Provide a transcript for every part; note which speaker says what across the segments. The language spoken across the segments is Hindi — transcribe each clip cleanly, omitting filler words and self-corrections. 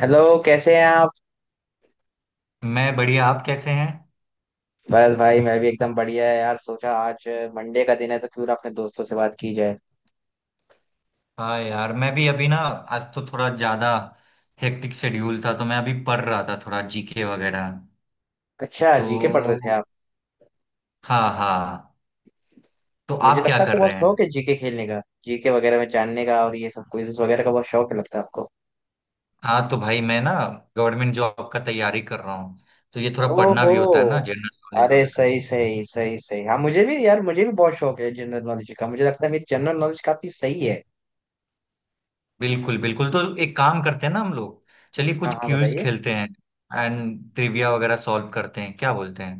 Speaker 1: हेलो, कैसे हैं आप?
Speaker 2: मैं बढ़िया। आप कैसे हैं?
Speaker 1: बस भाई मैं भी एकदम बढ़िया है यार। सोचा आज मंडे का दिन है तो क्यों ना अपने दोस्तों से बात की जाए।
Speaker 2: हाँ यार, मैं भी अभी ना आज तो थोड़ा ज्यादा हेक्टिक शेड्यूल था, तो मैं अभी पढ़ रहा था थोड़ा जीके वगैरह।
Speaker 1: अच्छा, जीके पढ़ रहे थे
Speaker 2: तो
Speaker 1: आप?
Speaker 2: हाँ, हाँ। तो
Speaker 1: मुझे
Speaker 2: आप क्या
Speaker 1: लगता है आपको
Speaker 2: कर रहे
Speaker 1: बहुत
Speaker 2: हैं?
Speaker 1: शौक है जीके खेलने का, जीके वगैरह में जानने का, और ये सब क्विजेस वगैरह का बहुत शौक है लगता है आपको।
Speaker 2: हाँ, तो भाई मैं ना गवर्नमेंट जॉब का तैयारी कर रहा हूँ। तो ये थोड़ा पढ़ना
Speaker 1: ओहो,
Speaker 2: भी होता है ना, जनरल नॉलेज
Speaker 1: अरे
Speaker 2: वगैरह।
Speaker 1: सही सही सही सही। हाँ मुझे भी यार, मुझे भी बहुत शौक है जनरल नॉलेज का। मुझे लगता है मेरी जनरल नॉलेज काफी सही है।
Speaker 2: बिल्कुल, बिल्कुल। तो एक काम करते हैं ना हम लोग। चलिए,
Speaker 1: हाँ
Speaker 2: कुछ
Speaker 1: हाँ,
Speaker 2: क्यूज
Speaker 1: बताइए।
Speaker 2: खेलते हैं। एंड ट्रिविया वगैरह सॉल्व करते हैं, क्या बोलते हैं?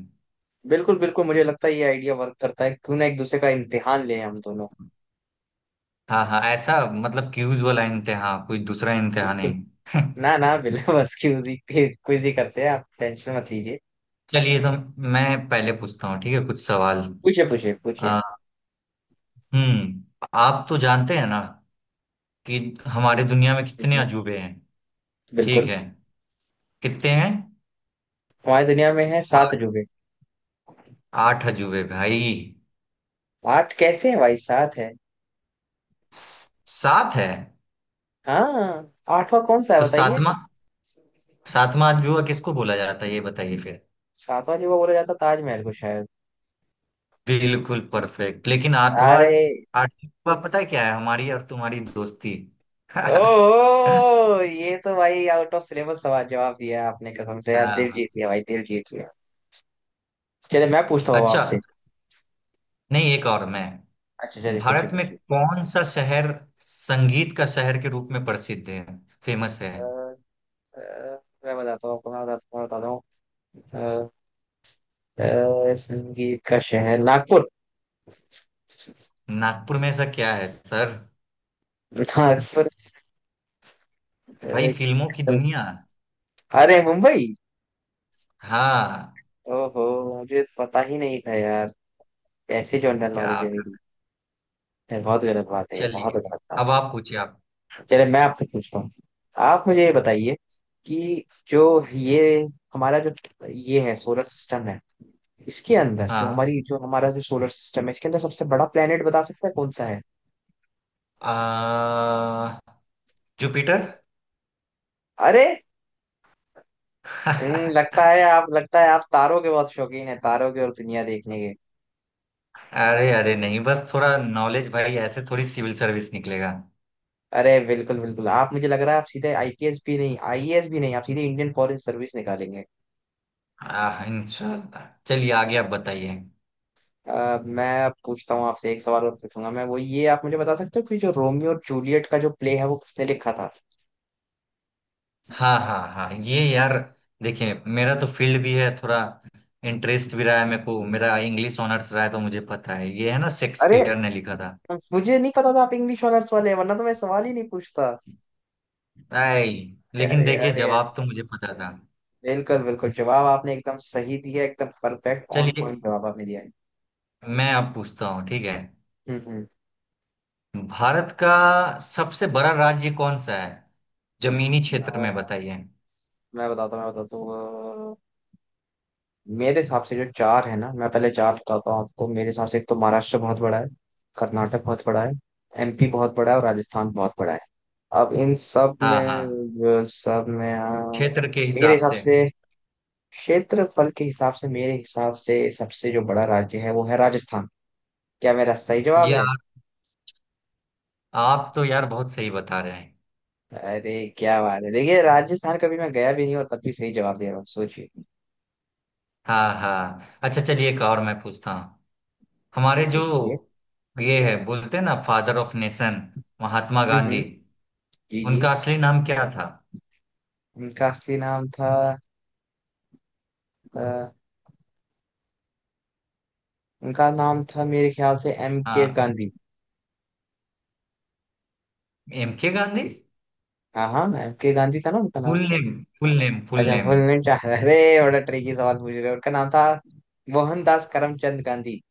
Speaker 1: बिल्कुल बिल्कुल, मुझे लगता है ये आइडिया वर्क करता है। क्यों ना एक दूसरे का इम्तिहान लें हम दोनों।
Speaker 2: हाँ, हाँ, ऐसा मतलब क्यूज वाला इम्तिहान, कोई दूसरा इम्तिहान
Speaker 1: बिल्कुल।
Speaker 2: नहीं।
Speaker 1: ना ना, बिल्कुल बस क्यूज ही, क्विज ही करते हैं, आप टेंशन मत लीजिए।
Speaker 2: चलिए, तो मैं पहले पूछता हूँ, ठीक है? कुछ सवाल।
Speaker 1: पूछिए पूछिए पूछिए।
Speaker 2: आ, आप तो जानते हैं ना कि हमारे
Speaker 1: पूछिए।
Speaker 2: दुनिया में कितने
Speaker 1: हम्म,
Speaker 2: अजूबे हैं? ठीक
Speaker 1: बिल्कुल।
Speaker 2: है, कितने हैं?
Speaker 1: हमारी दुनिया में है
Speaker 2: आ,
Speaker 1: सात जुगे।
Speaker 2: आठ अजूबे, भाई।
Speaker 1: आठ कैसे है भाई, सात है।
Speaker 2: सात है।
Speaker 1: हाँ, आठवां कौन सा है
Speaker 2: तो
Speaker 1: बताइए?
Speaker 2: सातवां सातवां अजूबा किसको बोला जाता है, ये बताइए फिर।
Speaker 1: सातवां जुगा बोला जाता ताजमहल को शायद।
Speaker 2: बिल्कुल परफेक्ट! लेकिन आठवां?
Speaker 1: अरे,
Speaker 2: आठवां पता है क्या है? हमारी और तुम्हारी दोस्ती।
Speaker 1: ओ ये तो भाई आउट ऑफ सिलेबस सवाल जवाब दिया आपने, कसम से यार दिल
Speaker 2: हाँ।
Speaker 1: जीत लिया भाई, दिल जीत लिया। चलिए मैं पूछता हूँ
Speaker 2: अच्छा,
Speaker 1: आपसे।
Speaker 2: नहीं, एक और मैं।
Speaker 1: अच्छा चलिए, पूछिए
Speaker 2: भारत में
Speaker 1: पूछिए।
Speaker 2: कौन सा शहर संगीत का शहर के रूप में प्रसिद्ध है, फेमस है?
Speaker 1: अ, अ, मैं बताता हूँ आपको, मैं बताता हूँ, मैं बताता हूँ अ, संगीत का शहर नागपुर।
Speaker 2: नागपुर में ऐसा क्या है, सर?
Speaker 1: नागपुर।
Speaker 2: भाई,
Speaker 1: अ,
Speaker 2: फिल्मों की
Speaker 1: सं-
Speaker 2: दुनिया।
Speaker 1: अरे मुंबई।
Speaker 2: हाँ।
Speaker 1: ओहो, मुझे तो पता ही नहीं था यार। ऐसे जनरल
Speaker 2: क्या?
Speaker 1: नॉलेज है मेरी। ये बहुत गलत बात है, ये बहुत
Speaker 2: चलिए,
Speaker 1: गलत बात
Speaker 2: अब आप पूछिए, आप।
Speaker 1: है। चले मैं आपसे पूछता हूँ, आप मुझे ये बताइए कि जो ये हमारा जो, ये है सोलर सिस्टम है, इसके अंदर जो
Speaker 2: हाँ।
Speaker 1: हमारी जो हमारा जो सोलर सिस्टम है, इसके अंदर सबसे बड़ा प्लेनेट बता सकते हैं कौन सा है?
Speaker 2: आ, जुपिटर।
Speaker 1: अरे, लगता है आप, लगता है आप तारों के बहुत शौकीन है, तारों के और दुनिया देखने के।
Speaker 2: अरे, अरे, नहीं, बस थोड़ा नॉलेज भाई, ऐसे थोड़ी सिविल सर्विस निकलेगा।
Speaker 1: अरे बिल्कुल बिल्कुल, आप मुझे लग रहा है आप सीधे आईपीएस भी नहीं, आईएएस भी नहीं, आप सीधे इंडियन फॉरेन सर्विस निकालेंगे।
Speaker 2: इंशाल्लाह। चलिए, आगे आप बताइए।
Speaker 1: मैं अब पूछता हूँ आपसे एक सवाल और पूछूंगा मैं, वो ये आप मुझे बता सकते हो कि जो रोमियो और जूलियट का जो प्ले है वो किसने लिखा था?
Speaker 2: हाँ, हाँ, हाँ, ये यार, देखिए मेरा तो फील्ड भी है थोड़ा, इंटरेस्ट भी रहा है मेरे को, मेरा इंग्लिश ऑनर्स रहा है, तो मुझे पता है ये, है ना?
Speaker 1: अरे,
Speaker 2: शेक्सपियर ने लिखा था।
Speaker 1: मुझे नहीं पता था आप इंग्लिश ऑनर्स वाले हैं, वरना तो मैं सवाल ही नहीं पूछता।
Speaker 2: आई। लेकिन
Speaker 1: अरे
Speaker 2: देखिए,
Speaker 1: अरे अरे,
Speaker 2: जवाब तो मुझे पता था।
Speaker 1: बिल्कुल बिल्कुल, जवाब आपने एकदम सही दिया, एकदम परफेक्ट ऑन
Speaker 2: चलिए,
Speaker 1: पॉइंट जवाब आपने दिया है।
Speaker 2: मैं अब पूछता हूँ, ठीक है?
Speaker 1: हम्म।
Speaker 2: भारत का सबसे बड़ा राज्य कौन सा है? जमीनी क्षेत्र में
Speaker 1: अ,
Speaker 2: बताइए।
Speaker 1: मैं बताता हूँ, मैं बताता हूँ। मेरे हिसाब से जो चार है ना, मैं पहले चार बताता हूँ आपको। मेरे हिसाब से एक तो महाराष्ट्र बहुत बड़ा है, कर्नाटक बहुत बड़ा है, एमपी बहुत बड़ा है, और राजस्थान बहुत बड़ा है। अब इन सब
Speaker 2: हाँ, हाँ।
Speaker 1: में, जो सब में,
Speaker 2: क्षेत्र के
Speaker 1: मेरे
Speaker 2: हिसाब
Speaker 1: हिसाब
Speaker 2: से।
Speaker 1: से, क्षेत्रफल के हिसाब से, मेरे हिसाब से सबसे जो बड़ा राज्य है वो है राजस्थान। क्या मेरा सही जवाब है?
Speaker 2: यार, आप तो यार बहुत सही बता रहे हैं।
Speaker 1: अरे क्या बात है, देखिए राजस्थान कभी मैं गया भी नहीं और तब भी सही जवाब दे रहा हूँ, सोचिए
Speaker 2: हाँ, हाँ, अच्छा, चलिए, एक और मैं पूछता हूँ। हमारे जो
Speaker 1: सोचिए सोचिए।
Speaker 2: ये है, बोलते हैं ना फादर ऑफ नेशन, महात्मा
Speaker 1: हम्म
Speaker 2: गांधी।
Speaker 1: हम्म, जी जी।
Speaker 2: उनका असली नाम क्या था?
Speaker 1: उनका असली नाम था, उनका नाम था मेरे ख्याल से एम के
Speaker 2: हाँ,
Speaker 1: गांधी।
Speaker 2: एम के गांधी।
Speaker 1: हाँ हाँ, एम के गांधी था ना उनका नाम।
Speaker 2: Full name, full name, full
Speaker 1: अच्छा
Speaker 2: नेम?
Speaker 1: भूलने चाह रहा, अरे बड़ा ट्रिकी सवाल पूछ रहे हो। उनका नाम था मोहनदास करमचंद गांधी।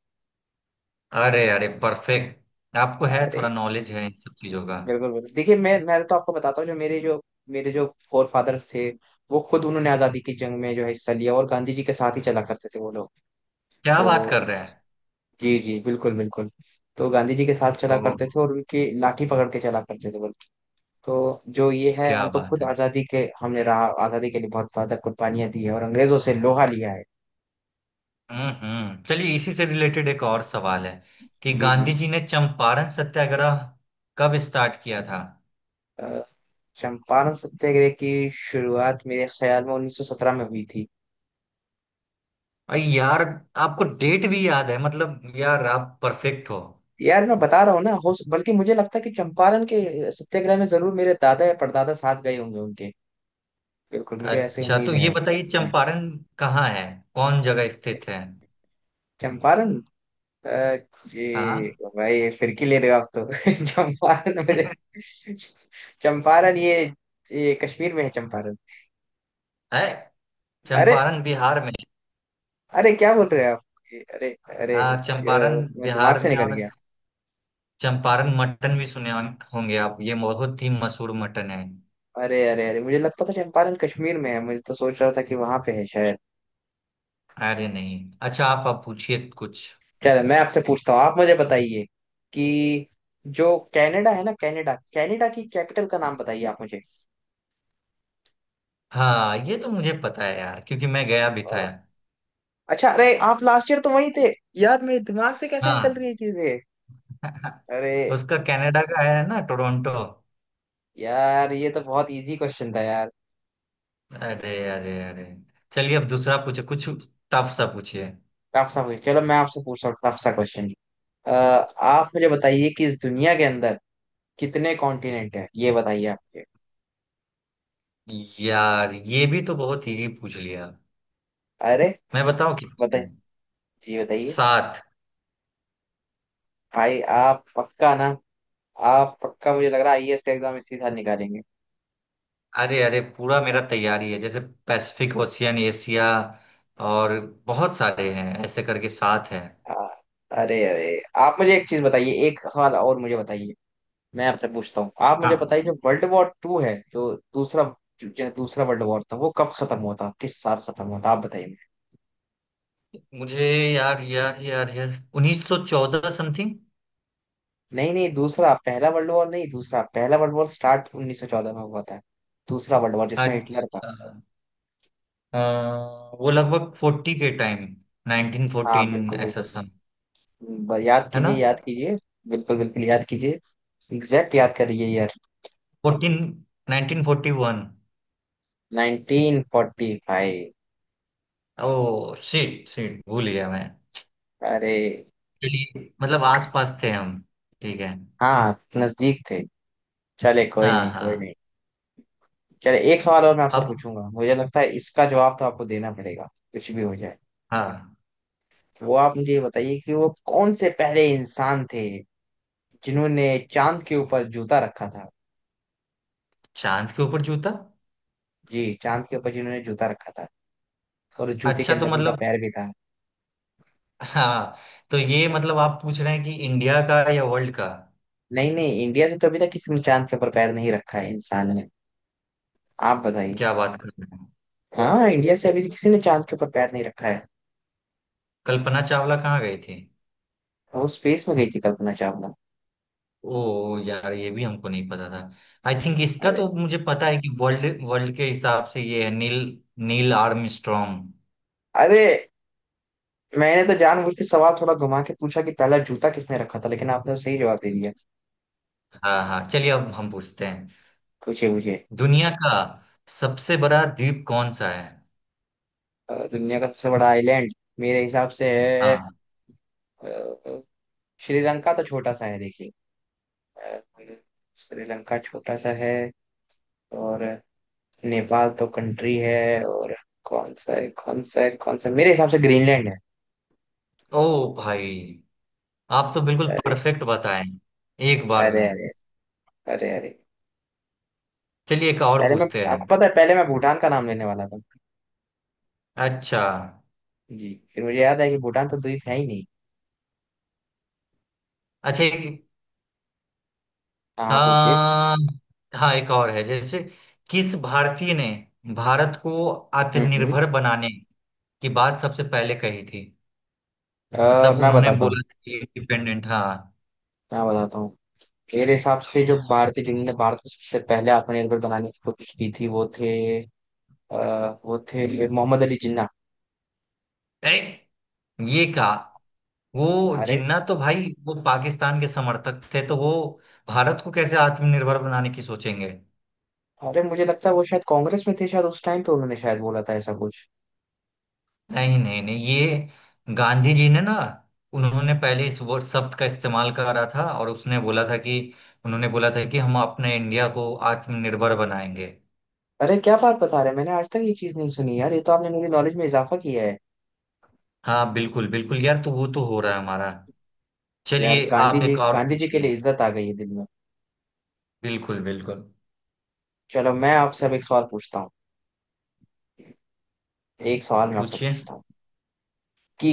Speaker 2: अरे, अरे परफेक्ट! आपको है थोड़ा
Speaker 1: अरे
Speaker 2: नॉलेज है इन सब चीजों का।
Speaker 1: बिल्कुल बिल्कुल, देखिए मैं तो आपको बताता हूँ, जो मेरे जो मेरे जो फोर फादर्स थे, वो खुद उन्होंने आजादी की जंग में जो है हिस्सा लिया और गांधी जी के साथ ही चला करते थे वो लोग।
Speaker 2: क्या बात
Speaker 1: तो
Speaker 2: कर रहे हैं!
Speaker 1: जी जी बिल्कुल बिल्कुल। तो गांधी जी के साथ चला
Speaker 2: ओह।
Speaker 1: करते थे और उनकी लाठी पकड़ के चला करते थे वो लोग। तो जो ये है,
Speaker 2: क्या
Speaker 1: हम तो
Speaker 2: बात
Speaker 1: खुद
Speaker 2: है!
Speaker 1: आजादी के, हमने रहा आजादी के लिए बहुत बहुत कुर्बानियां दी है और अंग्रेजों से लोहा लिया है।
Speaker 2: हम्म, हम्म। चलिए, इसी से रिलेटेड एक और सवाल है कि
Speaker 1: जी जी।
Speaker 2: गांधी जी ने चंपारण सत्याग्रह कब स्टार्ट किया था?
Speaker 1: अ, चंपारण सत्याग्रह की शुरुआत मेरे ख्याल में 1917 में हुई थी।
Speaker 2: अरे यार, आपको डेट भी याद है? मतलब यार, आप परफेक्ट हो।
Speaker 1: यार मैं बता रहा हूँ ना, हो बल्कि मुझे लगता है कि चंपारण के सत्याग्रह में जरूर मेरे दादा या परदादा साथ गए होंगे उनके। बिल्कुल, मुझे ऐसी
Speaker 2: अच्छा,
Speaker 1: उम्मीद
Speaker 2: तो ये
Speaker 1: है।
Speaker 2: बताइए,
Speaker 1: जी।
Speaker 2: चंपारण कहाँ है, कौन जगह स्थित है?
Speaker 1: चंपारण, अ, ये,
Speaker 2: हाँ।
Speaker 1: भाई फिरकी ले रहे हो आप तो चंपारण मेरे, चंपारण, ये कश्मीर में है चंपारण।
Speaker 2: है।
Speaker 1: अरे
Speaker 2: चंपारण बिहार में।
Speaker 1: अरे, क्या बोल रहे हैं आप? अरे अरे,
Speaker 2: हाँ, चंपारण
Speaker 1: मैं दिमाग
Speaker 2: बिहार
Speaker 1: से
Speaker 2: में,
Speaker 1: निकल
Speaker 2: और
Speaker 1: गया।
Speaker 2: चंपारण मटन भी सुने होंगे आप, ये बहुत ही मशहूर मटन है।
Speaker 1: अरे अरे अरे, मुझे लगता था चंपारण कश्मीर में है, मुझे तो सोच रहा था कि वहां पे है शायद।
Speaker 2: अरे, नहीं। अच्छा, आप पूछिए कुछ।
Speaker 1: चलो मैं आपसे पूछता हूँ, आप मुझे बताइए कि जो कनाडा है ना, कनाडा कनाडा की कैपिटल का नाम बताइए आप मुझे।
Speaker 2: हाँ, ये तो मुझे पता है यार, क्योंकि मैं गया भी था।
Speaker 1: अ, अच्छा, अरे आप लास्ट ईयर तो वहीं थे। यार मेरे दिमाग से कैसे निकल
Speaker 2: हाँ।
Speaker 1: रही है चीजें। अरे
Speaker 2: उसका कनाडा का है ना, टोरंटो।
Speaker 1: यार, ये तो बहुत इजी क्वेश्चन था यार।
Speaker 2: अरे, अरे, अरे, चलिए, अब दूसरा पूछे कुछ, टफ सा पूछिए।
Speaker 1: टफ सा क्वेश्चन, चलो मैं आपसे पूछता हूँ टफ सा क्वेश्चन। आप मुझे बताइए कि इस दुनिया के अंदर कितने कॉन्टिनेंट है, ये बताइए आपके।
Speaker 2: यार, ये भी तो बहुत इजी पूछ लिया।
Speaker 1: अरे,
Speaker 2: मैं बताऊं कितने
Speaker 1: बताइए,
Speaker 2: हैं?
Speaker 1: जी बताइए।
Speaker 2: सात।
Speaker 1: भाई आप पक्का ना? आप पक्का, मुझे लग रहा है आईएएस का एग्जाम इसी साल निकालेंगे।
Speaker 2: अरे, अरे, पूरा मेरा तैयारी है जैसे। पैसिफिक ओशियन, एशिया, और बहुत सारे हैं, ऐसे करके सात हैं।
Speaker 1: आ, अरे अरे, आप मुझे एक चीज बताइए, एक सवाल और मुझे बताइए। मैं आपसे पूछता हूँ, आप मुझे बताइए
Speaker 2: हाँ।
Speaker 1: जो वर्ल्ड वॉर टू है, जो दूसरा, जो दूसरा वर्ल्ड वॉर था वो कब खत्म हुआ था, किस साल खत्म हुआ था आप बताइए मुझे।
Speaker 2: मुझे, यार, यार, यार, यार, 1914 समथिंग।
Speaker 1: नहीं नहीं दूसरा, पहला वर्ल्ड वॉर नहीं, दूसरा। पहला वर्ल्ड वॉर स्टार्ट 1914 में हुआ था, दूसरा वर्ल्ड वॉर जिसमें हिटलर था।
Speaker 2: अच्छा। अ, वो लगभग 40 के टाइम,
Speaker 1: हाँ
Speaker 2: 1914
Speaker 1: बिल्कुल
Speaker 2: ऐसा
Speaker 1: बिल्कुल,
Speaker 2: सम,
Speaker 1: याद
Speaker 2: है ना?
Speaker 1: कीजिए, याद कीजिए, बिल्कुल बिल्कुल, याद कीजिए एग्जैक्ट, याद करिए यार।
Speaker 2: 14, 1941।
Speaker 1: 1945।
Speaker 2: ओ शिट, शिट, भूल गया मैं।
Speaker 1: अरे,
Speaker 2: चलिए, मतलब आस पास थे हम, ठीक है।
Speaker 1: हाँ नजदीक थे। चले कोई
Speaker 2: हाँ,
Speaker 1: नहीं, कोई
Speaker 2: हाँ।
Speaker 1: नहीं। चले, एक सवाल और मैं आपसे
Speaker 2: अब।
Speaker 1: पूछूंगा, मुझे लगता है इसका जवाब तो आपको देना पड़ेगा कुछ भी हो जाए।
Speaker 2: हाँ।
Speaker 1: वो आप मुझे ये बताइए कि वो कौन से पहले इंसान थे जिन्होंने चांद के ऊपर जूता रखा था।
Speaker 2: चांद के ऊपर जूता?
Speaker 1: जी, चांद के ऊपर जिन्होंने जूता रखा था, और उस जूते के
Speaker 2: अच्छा, तो
Speaker 1: अंदर उनका
Speaker 2: मतलब।
Speaker 1: पैर भी था।
Speaker 2: हाँ। तो ये मतलब आप पूछ रहे हैं कि इंडिया का या वर्ल्ड का?
Speaker 1: नहीं नहीं, इंडिया से तो अभी तक किसी ने चांद के ऊपर पैर नहीं रखा है, इंसान ने। आप बताइए।
Speaker 2: क्या बात कर रहे हैं!
Speaker 1: हाँ इंडिया से अभी किसी ने चांद के ऊपर पैर नहीं रखा है।
Speaker 2: कल्पना चावला कहाँ गई थी?
Speaker 1: वो स्पेस में गई थी कल्पना चावला।
Speaker 2: ओ यार, ये भी हमको नहीं पता था। आई थिंक इसका
Speaker 1: अरे
Speaker 2: तो मुझे पता है कि वर्ल्ड वर्ल्ड के हिसाब से ये है नील। Neil Armstrong.
Speaker 1: अरे, मैंने तो जानबूझ के सवाल थोड़ा घुमा के पूछा कि पहला जूता किसने रखा था, लेकिन आपने तो सही जवाब दे दिया।
Speaker 2: हाँ, हाँ, चलिए, अब हम पूछते हैं।
Speaker 1: पूछे मुझे।
Speaker 2: दुनिया का सबसे बड़ा द्वीप कौन सा है?
Speaker 1: दुनिया का सबसे बड़ा आइलैंड मेरे हिसाब से है,
Speaker 2: हाँ।
Speaker 1: अ, श्रीलंका तो छोटा सा है देखिए, अ, श्रीलंका छोटा सा है, और नेपाल तो कंट्री है, और कौन सा है, कौन सा है, कौन सा? मेरे हिसाब से ग्रीनलैंड है।
Speaker 2: ओ भाई, आप तो बिल्कुल
Speaker 1: अरे
Speaker 2: परफेक्ट बताएं एक बार
Speaker 1: अरे
Speaker 2: में।
Speaker 1: अरे, अरे अरे,
Speaker 2: चलिए, एक और
Speaker 1: पहले मैं,
Speaker 2: पूछते हैं।
Speaker 1: आपको पता है पहले मैं भूटान का नाम लेने वाला था।
Speaker 2: अच्छा।
Speaker 1: जी, फिर मुझे याद है कि भूटान तो द्वीप है ही नहीं।
Speaker 2: अच्छा,
Speaker 1: हाँ हाँ, पूछिए।
Speaker 2: हाँ, हाँ, एक और है जैसे। किस भारतीय ने भारत को
Speaker 1: हम्म हम्म।
Speaker 2: आत्मनिर्भर बनाने की बात सबसे पहले कही थी? मतलब
Speaker 1: मैं
Speaker 2: उन्होंने
Speaker 1: बताता हूँ,
Speaker 2: बोला था कि इंडिपेंडेंट, हाँ।
Speaker 1: मैं बताता हूँ। मेरे हिसाब से जो भारतीय जिन्होंने भारत को सबसे पहले आत्मनिर्भर बनाने की कोशिश की थी वो थे, वो थे मोहम्मद अली जिन्ना।
Speaker 2: ए, ये कहा। वो
Speaker 1: अरे
Speaker 2: जिन्ना तो भाई, वो पाकिस्तान के समर्थक थे, तो वो भारत को कैसे आत्मनिर्भर बनाने की सोचेंगे?
Speaker 1: अरे, मुझे लगता है वो शायद कांग्रेस में थे शायद, उस टाइम पे उन्होंने शायद बोला था ऐसा कुछ।
Speaker 2: नहीं, नहीं, नहीं, ये गांधी जी ने ना। उन्होंने पहले इस वर्ड, शब्द का इस्तेमाल करा था, और उसने बोला था कि उन्होंने बोला था कि हम अपने इंडिया को आत्मनिर्भर बनाएंगे।
Speaker 1: अरे क्या बात बता रहे हैं, मैंने आज तक ये चीज नहीं सुनी यार, ये तो आपने मेरी नॉलेज में इजाफा किया है।
Speaker 2: हाँ, बिल्कुल, बिल्कुल यार, तो वो तो हो रहा है हमारा।
Speaker 1: यार
Speaker 2: चलिए,
Speaker 1: गांधी
Speaker 2: आप
Speaker 1: जी,
Speaker 2: एक और
Speaker 1: गांधी जी के
Speaker 2: पूछिए।
Speaker 1: लिए इज्जत आ गई है दिल में।
Speaker 2: बिल्कुल, बिल्कुल,
Speaker 1: चलो मैं आपसे अब एक सवाल पूछता हूँ, एक सवाल मैं आपसे
Speaker 2: पूछिए।
Speaker 1: पूछता हूँ कि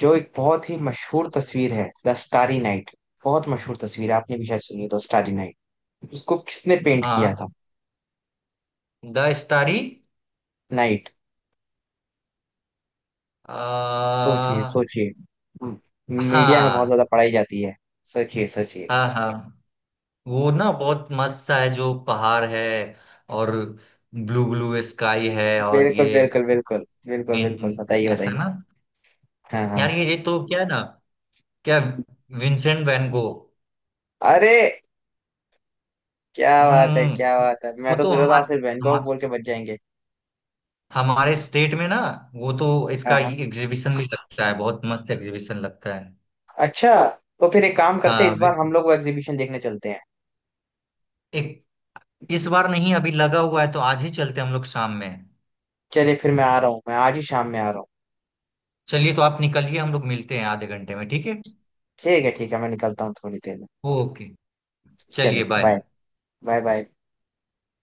Speaker 1: जो एक बहुत ही मशहूर तस्वीर है द स्टारी नाइट, बहुत मशहूर तस्वीर है, आपने भी शायद सुनी है द स्टारी नाइट, उसको किसने पेंट किया था?
Speaker 2: हाँ, द स्टारी?
Speaker 1: नाइट। सोचिए
Speaker 2: हाँ।
Speaker 1: सोचिए। हम्म, मीडिया में बहुत
Speaker 2: हाँ,
Speaker 1: ज्यादा पढ़ाई जाती है। सोचिए सोचिए।
Speaker 2: हाँ वो ना बहुत मस्त सा है, जो पहाड़ है, और ब्लू ब्लू स्काई है, और
Speaker 1: बिल्कुल
Speaker 2: ये।
Speaker 1: बिल्कुल बिल्कुल, बिल्कुल बिल्कुल,
Speaker 2: विन,
Speaker 1: बताइए
Speaker 2: ऐसा
Speaker 1: बताइए।
Speaker 2: ना।
Speaker 1: हाँ हाँ।
Speaker 2: यार, ये तो क्या है ना। क्या? Vincent van Gogh.
Speaker 1: अरे क्या बात है, क्या
Speaker 2: हम्म,
Speaker 1: बात है, मैं
Speaker 2: वो
Speaker 1: तो
Speaker 2: तो
Speaker 1: सोच रहा था
Speaker 2: हमारे,
Speaker 1: आपसे वैन गॉग
Speaker 2: हमा,
Speaker 1: बोल के बच जाएंगे।
Speaker 2: हमारे स्टेट में ना। वो तो
Speaker 1: हाँ,
Speaker 2: इसका
Speaker 1: हाँ।
Speaker 2: एग्जीबिशन भी लगता है, बहुत मस्त एग्जीबिशन लगता है।
Speaker 1: अच्छा, तो फिर एक काम करते हैं,
Speaker 2: हाँ।
Speaker 1: इस बार हम लोग वो एग्जीबिशन देखने चलते हैं।
Speaker 2: एक, इस बार नहीं, अभी लगा हुआ है, तो आज ही चलते हैं हम लोग, शाम में।
Speaker 1: चलिए फिर मैं आ रहा हूँ, मैं आज ही शाम में आ रहा हूँ।
Speaker 2: चलिए, तो आप निकलिए, हम लोग मिलते हैं आधे घंटे में, ठीक है?
Speaker 1: ठीक है ठीक है, मैं निकलता हूँ थोड़ी देर में।
Speaker 2: ओके, चलिए,
Speaker 1: चलिए
Speaker 2: बाय।
Speaker 1: Bye, bye bye.